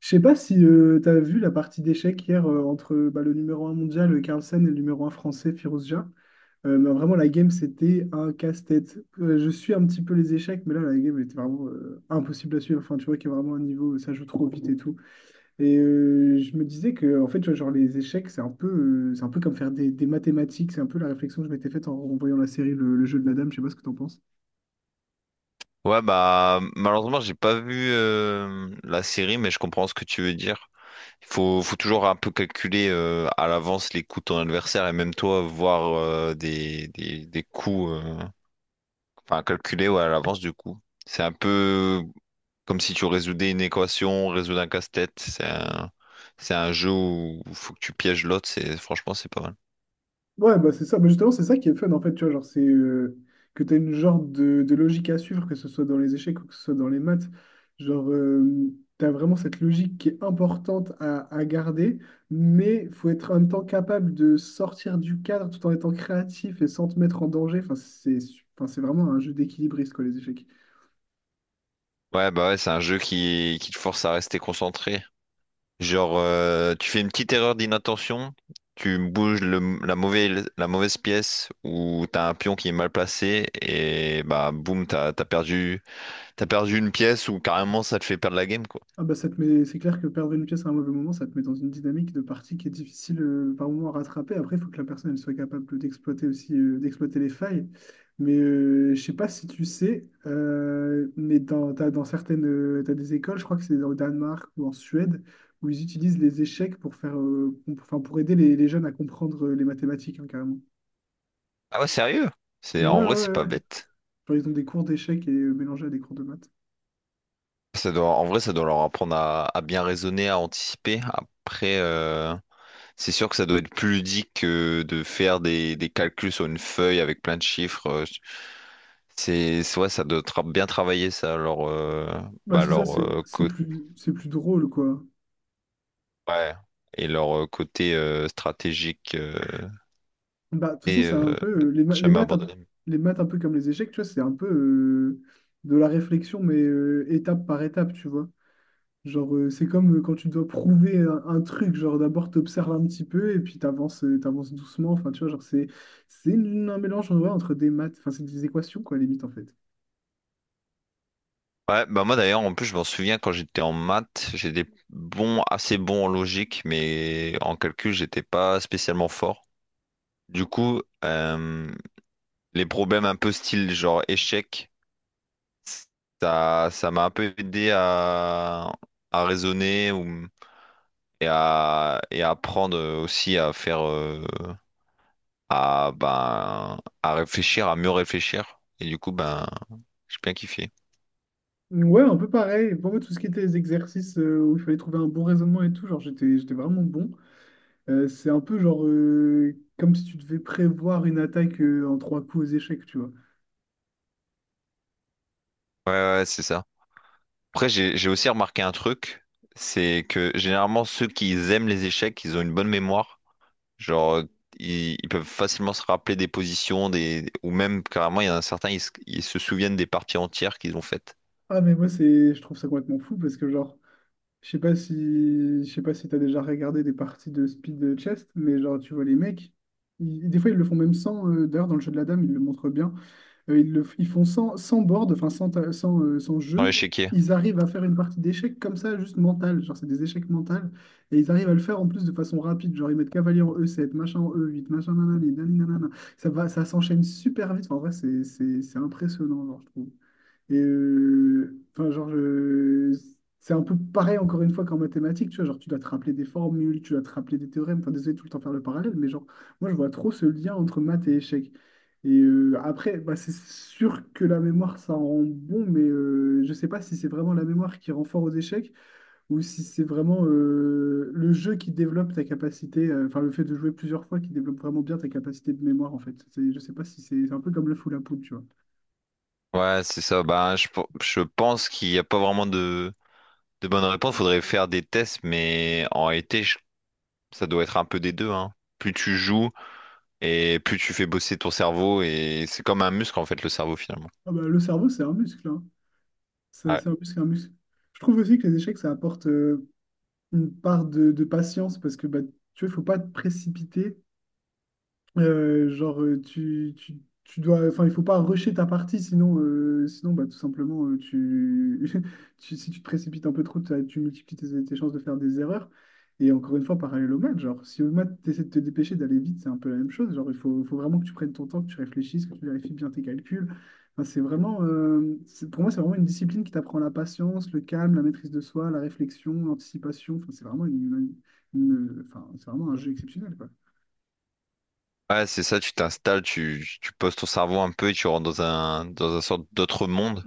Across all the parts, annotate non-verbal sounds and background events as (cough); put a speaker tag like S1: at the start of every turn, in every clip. S1: Je sais pas si tu as vu la partie d'échecs hier entre bah, le numéro un mondial Carlsen et le numéro un français Firouz Jah. Mais vraiment, la game, c'était un casse-tête. Je suis un petit peu les échecs, mais là, la game était vraiment impossible à suivre. Enfin, tu vois qu'il y a vraiment un niveau, ça joue trop vite et tout. Et je me disais que, en fait, tu vois, genre, les échecs, c'est un peu comme faire des mathématiques. C'est un peu la réflexion que je m'étais faite en voyant la série le jeu de la dame. Je sais pas ce que t'en penses.
S2: Ouais, bah malheureusement, j'ai pas vu la série, mais je comprends ce que tu veux dire. Il faut toujours un peu calculer à l'avance les coups de ton adversaire et même toi voir des coups, enfin calculer ouais, à l'avance du coup. C'est un peu comme si tu résoudais une équation, résoudre un casse-tête. C'est un jeu où il faut que tu pièges l'autre. Franchement, c'est pas mal.
S1: Ouais, bah c'est ça. Bah justement, c'est ça qui est fun, en fait, tu vois, genre, c'est que tu as une genre de logique à suivre, que ce soit dans les échecs ou que ce soit dans les maths. Genre, tu as vraiment cette logique qui est importante à garder, mais faut être en même temps capable de sortir du cadre tout en étant créatif et sans te mettre en danger. Enfin, c'est vraiment un jeu d'équilibriste, quoi, les échecs.
S2: Ouais, bah ouais, c'est un jeu qui te force à rester concentré. Genre, tu fais une petite erreur d'inattention, tu bouges la mauvaise pièce ou t'as un pion qui est mal placé et bah boum, t'as perdu une pièce ou carrément ça te fait perdre la game quoi.
S1: Ah bah c'est clair que perdre une pièce à un mauvais moment, ça te met dans une dynamique de partie qui est difficile par moment à rattraper. Après, il faut que la personne elle soit capable d'exploiter aussi, d'exploiter les failles. Mais je sais pas si tu sais, mais dans, t'as, dans certaines, t'as des écoles, je crois que c'est au Danemark ou en Suède, où ils utilisent les échecs pour faire, com- enfin, pour aider les jeunes à comprendre les mathématiques, hein, carrément.
S2: Ah ouais, sérieux?
S1: Ouais, ouais,
S2: En vrai, c'est
S1: ouais, ouais.
S2: pas bête.
S1: Genre, ils ont des cours d'échecs et mélangés à des cours de maths.
S2: En vrai, ça doit leur apprendre à bien raisonner, à anticiper. Après, c'est sûr que ça doit être plus ludique que de faire des calculs sur une feuille avec plein de chiffres. Ouais, ça doit bien travailler ça, leur,
S1: Bah
S2: bah,
S1: c'est ça,
S2: leur
S1: c'est c'est
S2: côté,
S1: plus, c'est plus drôle, quoi.
S2: ouais, et leur côté stratégique
S1: Bah, de toute façon,
S2: et
S1: c'est
S2: euh,
S1: un peu les, ma-
S2: jamais abandonné.
S1: les maths un peu comme les échecs, tu vois, c'est un peu de la réflexion, mais étape par étape, tu vois. Genre, c'est comme quand tu dois prouver un truc, genre d'abord t'observes un petit peu et puis t'avances doucement. Enfin, tu vois, genre c'est un mélange en vrai entre des maths, enfin c'est des équations quoi, limite en fait.
S2: Ouais, bah moi d'ailleurs, en plus, je m'en souviens quand j'étais en maths, j'étais bon, assez bon en logique, mais en calcul, j'étais pas spécialement fort. Du coup, les problèmes un peu style genre échec. Ça m'a un peu aidé à raisonner et à apprendre aussi à faire, à, ben, à réfléchir, à mieux réfléchir. Et du coup, ben, j'ai bien kiffé.
S1: Ouais, un peu pareil. Pour moi, tout ce qui était les exercices où il fallait trouver un bon raisonnement et tout, genre j'étais vraiment bon. C'est un peu genre comme si tu devais prévoir une attaque en trois coups aux échecs, tu vois.
S2: Ouais, ouais, ouais, c'est ça. Après, j'ai aussi remarqué un truc, c'est que généralement, ceux qui aiment les échecs, ils ont une bonne mémoire. Genre, ils peuvent facilement se rappeler des positions, ou même carrément, il y en a certains, ils se souviennent des parties entières qu'ils ont faites.
S1: Ah mais moi c'est je trouve ça complètement fou parce que genre je sais pas si t'as déjà regardé des parties de speed chess mais genre tu vois les mecs des fois ils le font même sans d'ailleurs dans le jeu de la dame ils le montrent bien. Ils font sans board, enfin sans, ta- sans, sans
S2: Sur
S1: jeu.
S2: l'échiquier.
S1: Ils arrivent à faire une partie d'échecs comme ça, juste mentale. Genre, c'est des échecs mentales. Et ils arrivent à le faire en plus de façon rapide. Genre, ils mettent cavalier en E7, machin en E8, machin nanani, nanani, nanana. Ça va, ça s'enchaîne super vite. Enfin, en vrai, c'est impressionnant, genre, je trouve. Et enfin, genre, c'est un peu pareil encore une fois qu'en mathématiques, tu vois, genre, tu dois te rappeler des formules, tu dois te rappeler des théorèmes, enfin, désolé de tout le temps faire le parallèle, mais genre, moi, je vois trop ce lien entre maths et échec. Et après, bah, c'est sûr que la mémoire, ça rend bon, mais je sais pas si c'est vraiment la mémoire qui rend fort aux échecs ou si c'est vraiment le jeu qui développe ta capacité, enfin, le fait de jouer plusieurs fois qui développe vraiment bien ta capacité de mémoire, en fait. Je sais pas si c'est un peu comme le fou la poule, tu vois.
S2: Ouais, c'est ça. Bah, je pense qu'il n'y a pas vraiment de bonne réponse. Faudrait faire des tests, mais en réalité, ça doit être un peu des deux, hein. Plus tu joues et plus tu fais bosser ton cerveau, et c'est comme un muscle, en fait, le cerveau, finalement.
S1: Ah bah, le cerveau, c'est un muscle, hein. C'est
S2: Ouais,
S1: c'est un muscle, un muscle. Je trouve aussi que les échecs, ça apporte une part de patience parce que bah, tu vois, il faut pas te précipiter. Genre, enfin, il faut pas rusher ta partie, sinon bah, tout simplement. (laughs) Si tu te précipites un peu trop, tu multiplies tes chances de faire des erreurs. Et encore une fois, parallèle au maths, genre, si au maths, tu essaies de te dépêcher d'aller vite, c'est un peu la même chose. Genre, il faut vraiment que tu prennes ton temps, que tu réfléchisses, que tu vérifies bien tes calculs. Enfin, pour moi, c'est vraiment une discipline qui t'apprend la patience, le calme, la maîtrise de soi, la réflexion, l'anticipation. Enfin, c'est vraiment une- enfin, c'est vraiment un jeu exceptionnel, quoi.
S2: ouais, c'est ça, tu t'installes, tu poses ton cerveau un peu et tu rentres dans un sorte d'autre monde.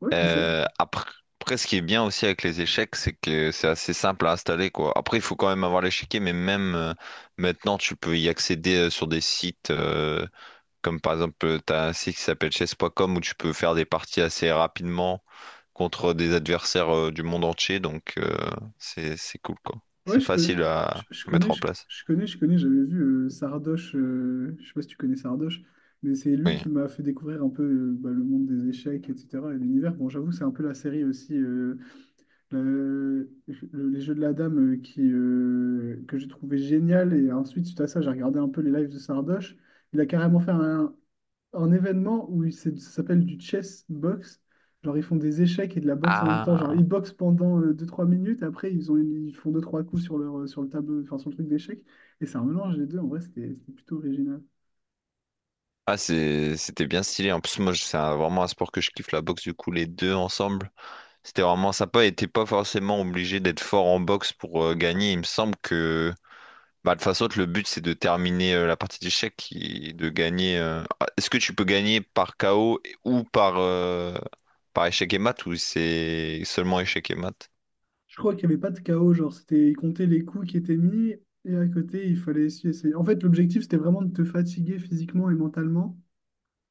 S1: Ouais, c'est ça.
S2: Après, ce qui est bien aussi avec les échecs, c'est que c'est assez simple à installer, quoi. Après, il faut quand même avoir l'échiquier, mais même maintenant, tu peux y accéder sur des sites comme par exemple, t'as un site qui s'appelle chess.com où tu peux faire des parties assez rapidement contre des adversaires du monde entier, donc c'est cool, quoi.
S1: Ouais,
S2: C'est
S1: je connais,
S2: facile à, à
S1: je
S2: mettre
S1: connais,
S2: en place.
S1: je connais, j'avais vu Sardoche, je sais pas si tu connais Sardoche, mais c'est lui
S2: Oui.
S1: qui m'a fait découvrir un peu bah, le monde des échecs, etc. et l'univers. Bon, j'avoue, c'est un peu la série aussi, le- les jeux de la dame que j'ai trouvé génial. Et ensuite, suite à ça, j'ai regardé un peu les lives de Sardoche. Il a carrément fait un événement où ça s'appelle du chess box. Genre, ils font des échecs et de la boxe en même temps. Genre,
S2: Ah,
S1: ils boxent pendant deux trois minutes. Après, ils font deux trois coups sur le tableau, enfin, sur le truc d'échecs. Et c'est un mélange des deux. En vrai, c'était plutôt original.
S2: ah, c'était bien stylé. En plus, moi, vraiment un sport que je kiffe, la boxe, du coup, les deux ensemble. C'était vraiment sympa et t'es pas forcément obligé d'être fort en boxe pour gagner. Il me semble que bah, de toute façon, le but c'est de terminer la partie d'échecs et de gagner. Ah, est-ce que tu peux gagner par KO ou par échec et mat ou c'est seulement échec et mat?
S1: Je crois qu'il n'y avait pas de chaos. Genre, ils comptaient les coups qui étaient mis. Et à côté, il fallait essayer. En fait, l'objectif, c'était vraiment de te fatiguer physiquement et mentalement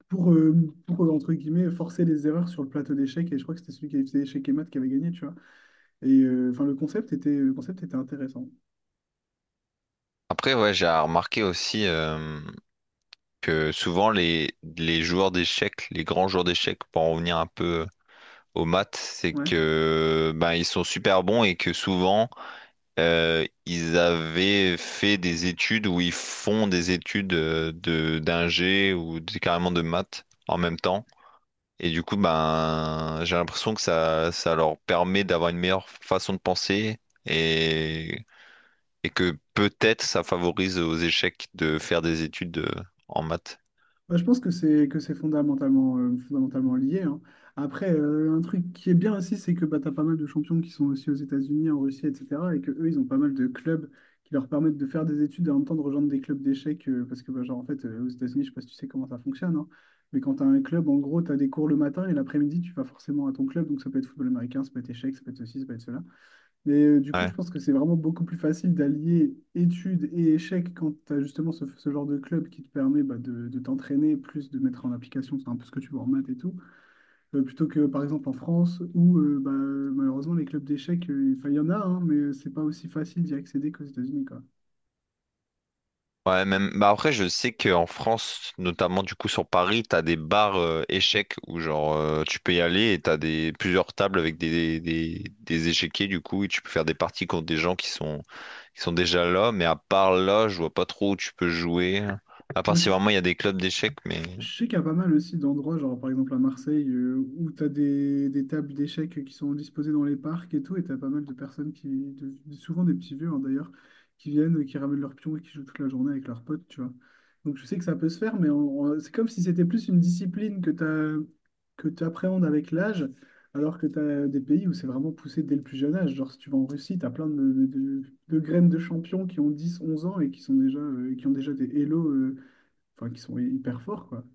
S1: pour, euh, pour, entre guillemets, forcer les erreurs sur le plateau d'échecs. Et je crois que c'était celui qui avait fait échec et maths qui avait gagné, tu vois. Et enfin, le concept était intéressant.
S2: Après, ouais, j'ai remarqué aussi que souvent les joueurs d'échecs, les grands joueurs d'échecs, pour en revenir un peu aux maths, c'est
S1: Ouais.
S2: que ben, ils sont super bons et que souvent. Ils avaient fait des études où ils font des études de d'ingé carrément de maths en même temps. Et du coup, ben, j'ai l'impression que ça leur permet d'avoir une meilleure façon de penser et, et que peut-être ça favorise aux échecs de faire des études en maths.
S1: Bah, je pense que c'est fondamentalement lié, hein. Après, un truc qui est bien aussi, c'est que bah, tu as pas mal de champions qui sont aussi aux États-Unis, en Russie, etc. Et que eux, ils ont pas mal de clubs qui leur permettent de faire des études et en même temps de rejoindre des clubs d'échecs. Parce que, bah, genre, en fait, aux États-Unis, je sais pas si tu sais comment ça fonctionne, hein, mais quand tu as un club, en gros, tu as des cours le matin et l'après-midi, tu vas forcément à ton club. Donc, ça peut être football américain, ça peut être échecs, ça peut être ceci, ça peut être cela. Mais du coup,
S2: Ouais.
S1: je pense que c'est vraiment beaucoup plus facile d'allier études et échecs quand tu as justement ce genre de club qui te permet bah, de t'entraîner, plus de mettre en application, c'est un peu ce que tu vois en maths et tout. Plutôt que par exemple en France où bah, malheureusement les clubs d'échecs, enfin, il y en a, hein, mais c'est pas aussi facile d'y accéder qu'aux États-Unis, quoi.
S2: Ouais, même. Bah après, je sais qu'en France, notamment du coup sur Paris, t'as des bars échecs où genre tu peux y aller et t'as des plusieurs tables avec des échiquiers du coup et tu peux faire des parties contre des gens qui sont déjà là. Mais à part là, je vois pas trop où tu peux jouer. À
S1: Moi,
S2: part si
S1: je,
S2: vraiment il y a des clubs d'échecs, mais
S1: Je sais qu'il y a pas mal aussi d'endroits, genre par exemple à Marseille, où tu as des tables d'échecs qui sont disposées dans les parcs et tout, et tu as pas mal de personnes souvent des petits vieux hein, d'ailleurs, qui viennent, qui ramènent leurs pions et qui jouent toute la journée avec leurs potes, tu vois. Donc je sais que ça peut se faire, mais c'est comme si c'était plus une discipline que tu appréhendes avec l'âge, alors que tu as des pays où c'est vraiment poussé dès le plus jeune âge. Genre si tu vas en Russie, tu as plein de graines de champions qui ont 10 11 ans et qui ont déjà des hello, enfin qui sont hyper forts, quoi.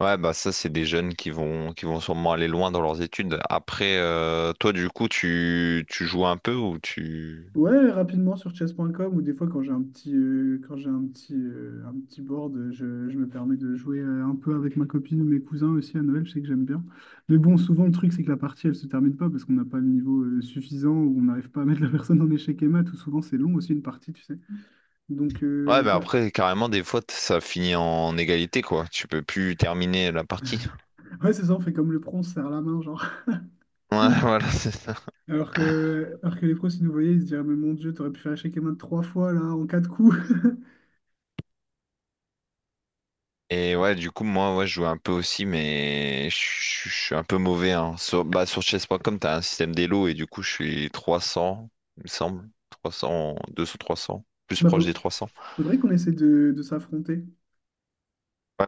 S2: ouais, bah ça c'est des jeunes qui vont sûrement aller loin dans leurs études. Après, toi du coup, tu joues un peu ou tu.
S1: Ouais, rapidement sur chess.com ou des fois quand j'ai un petit board, je me permets de jouer un peu avec ma copine ou mes cousins aussi à Noël, je sais que j'aime bien. Mais bon, souvent le truc c'est que la partie elle se termine pas parce qu'on n'a pas le niveau suffisant ou on n'arrive pas à mettre la personne en échec et mat ou souvent c'est long aussi une partie, tu sais. Donc
S2: Ouais, mais
S1: bah,
S2: après, carrément, des fois, ça finit en égalité, quoi. Tu peux plus terminer la partie.
S1: ouais, c'est ça, on fait comme le pro, on se serre la main genre.
S2: Ouais, (laughs) voilà, c'est ça.
S1: (laughs) Alors que les pros s'ils nous voyaient, ils se diraient mais mon Dieu, t'aurais pu faire échec et mat trois fois là en quatre coups. (laughs)
S2: Et ouais, du coup, moi, ouais, je joue un peu aussi, mais je suis un peu mauvais, hein. Sur, bah, sur chess.com, t'as un système d'élo, et du coup, je suis 300, il me semble. 300, 300, plus
S1: Bah,
S2: proche des 300.
S1: faudrait qu'on essaie de s'affronter.
S2: Ouais.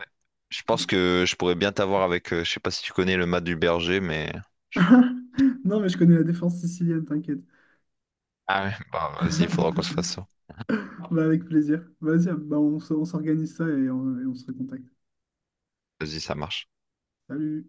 S2: Je pense que je pourrais bien t'avoir avec, je sais pas si tu connais le mat du berger, mais... je-
S1: (laughs) Non, mais je connais la défense sicilienne, t'inquiète.
S2: Ah ouais, bah, vas-y, il faudra qu'on se fasse
S1: (laughs)
S2: ça.
S1: Bah, avec plaisir. Vas-y, bah, on s'organise ça et on se recontacte.
S2: Vas-y, ça marche.
S1: Salut!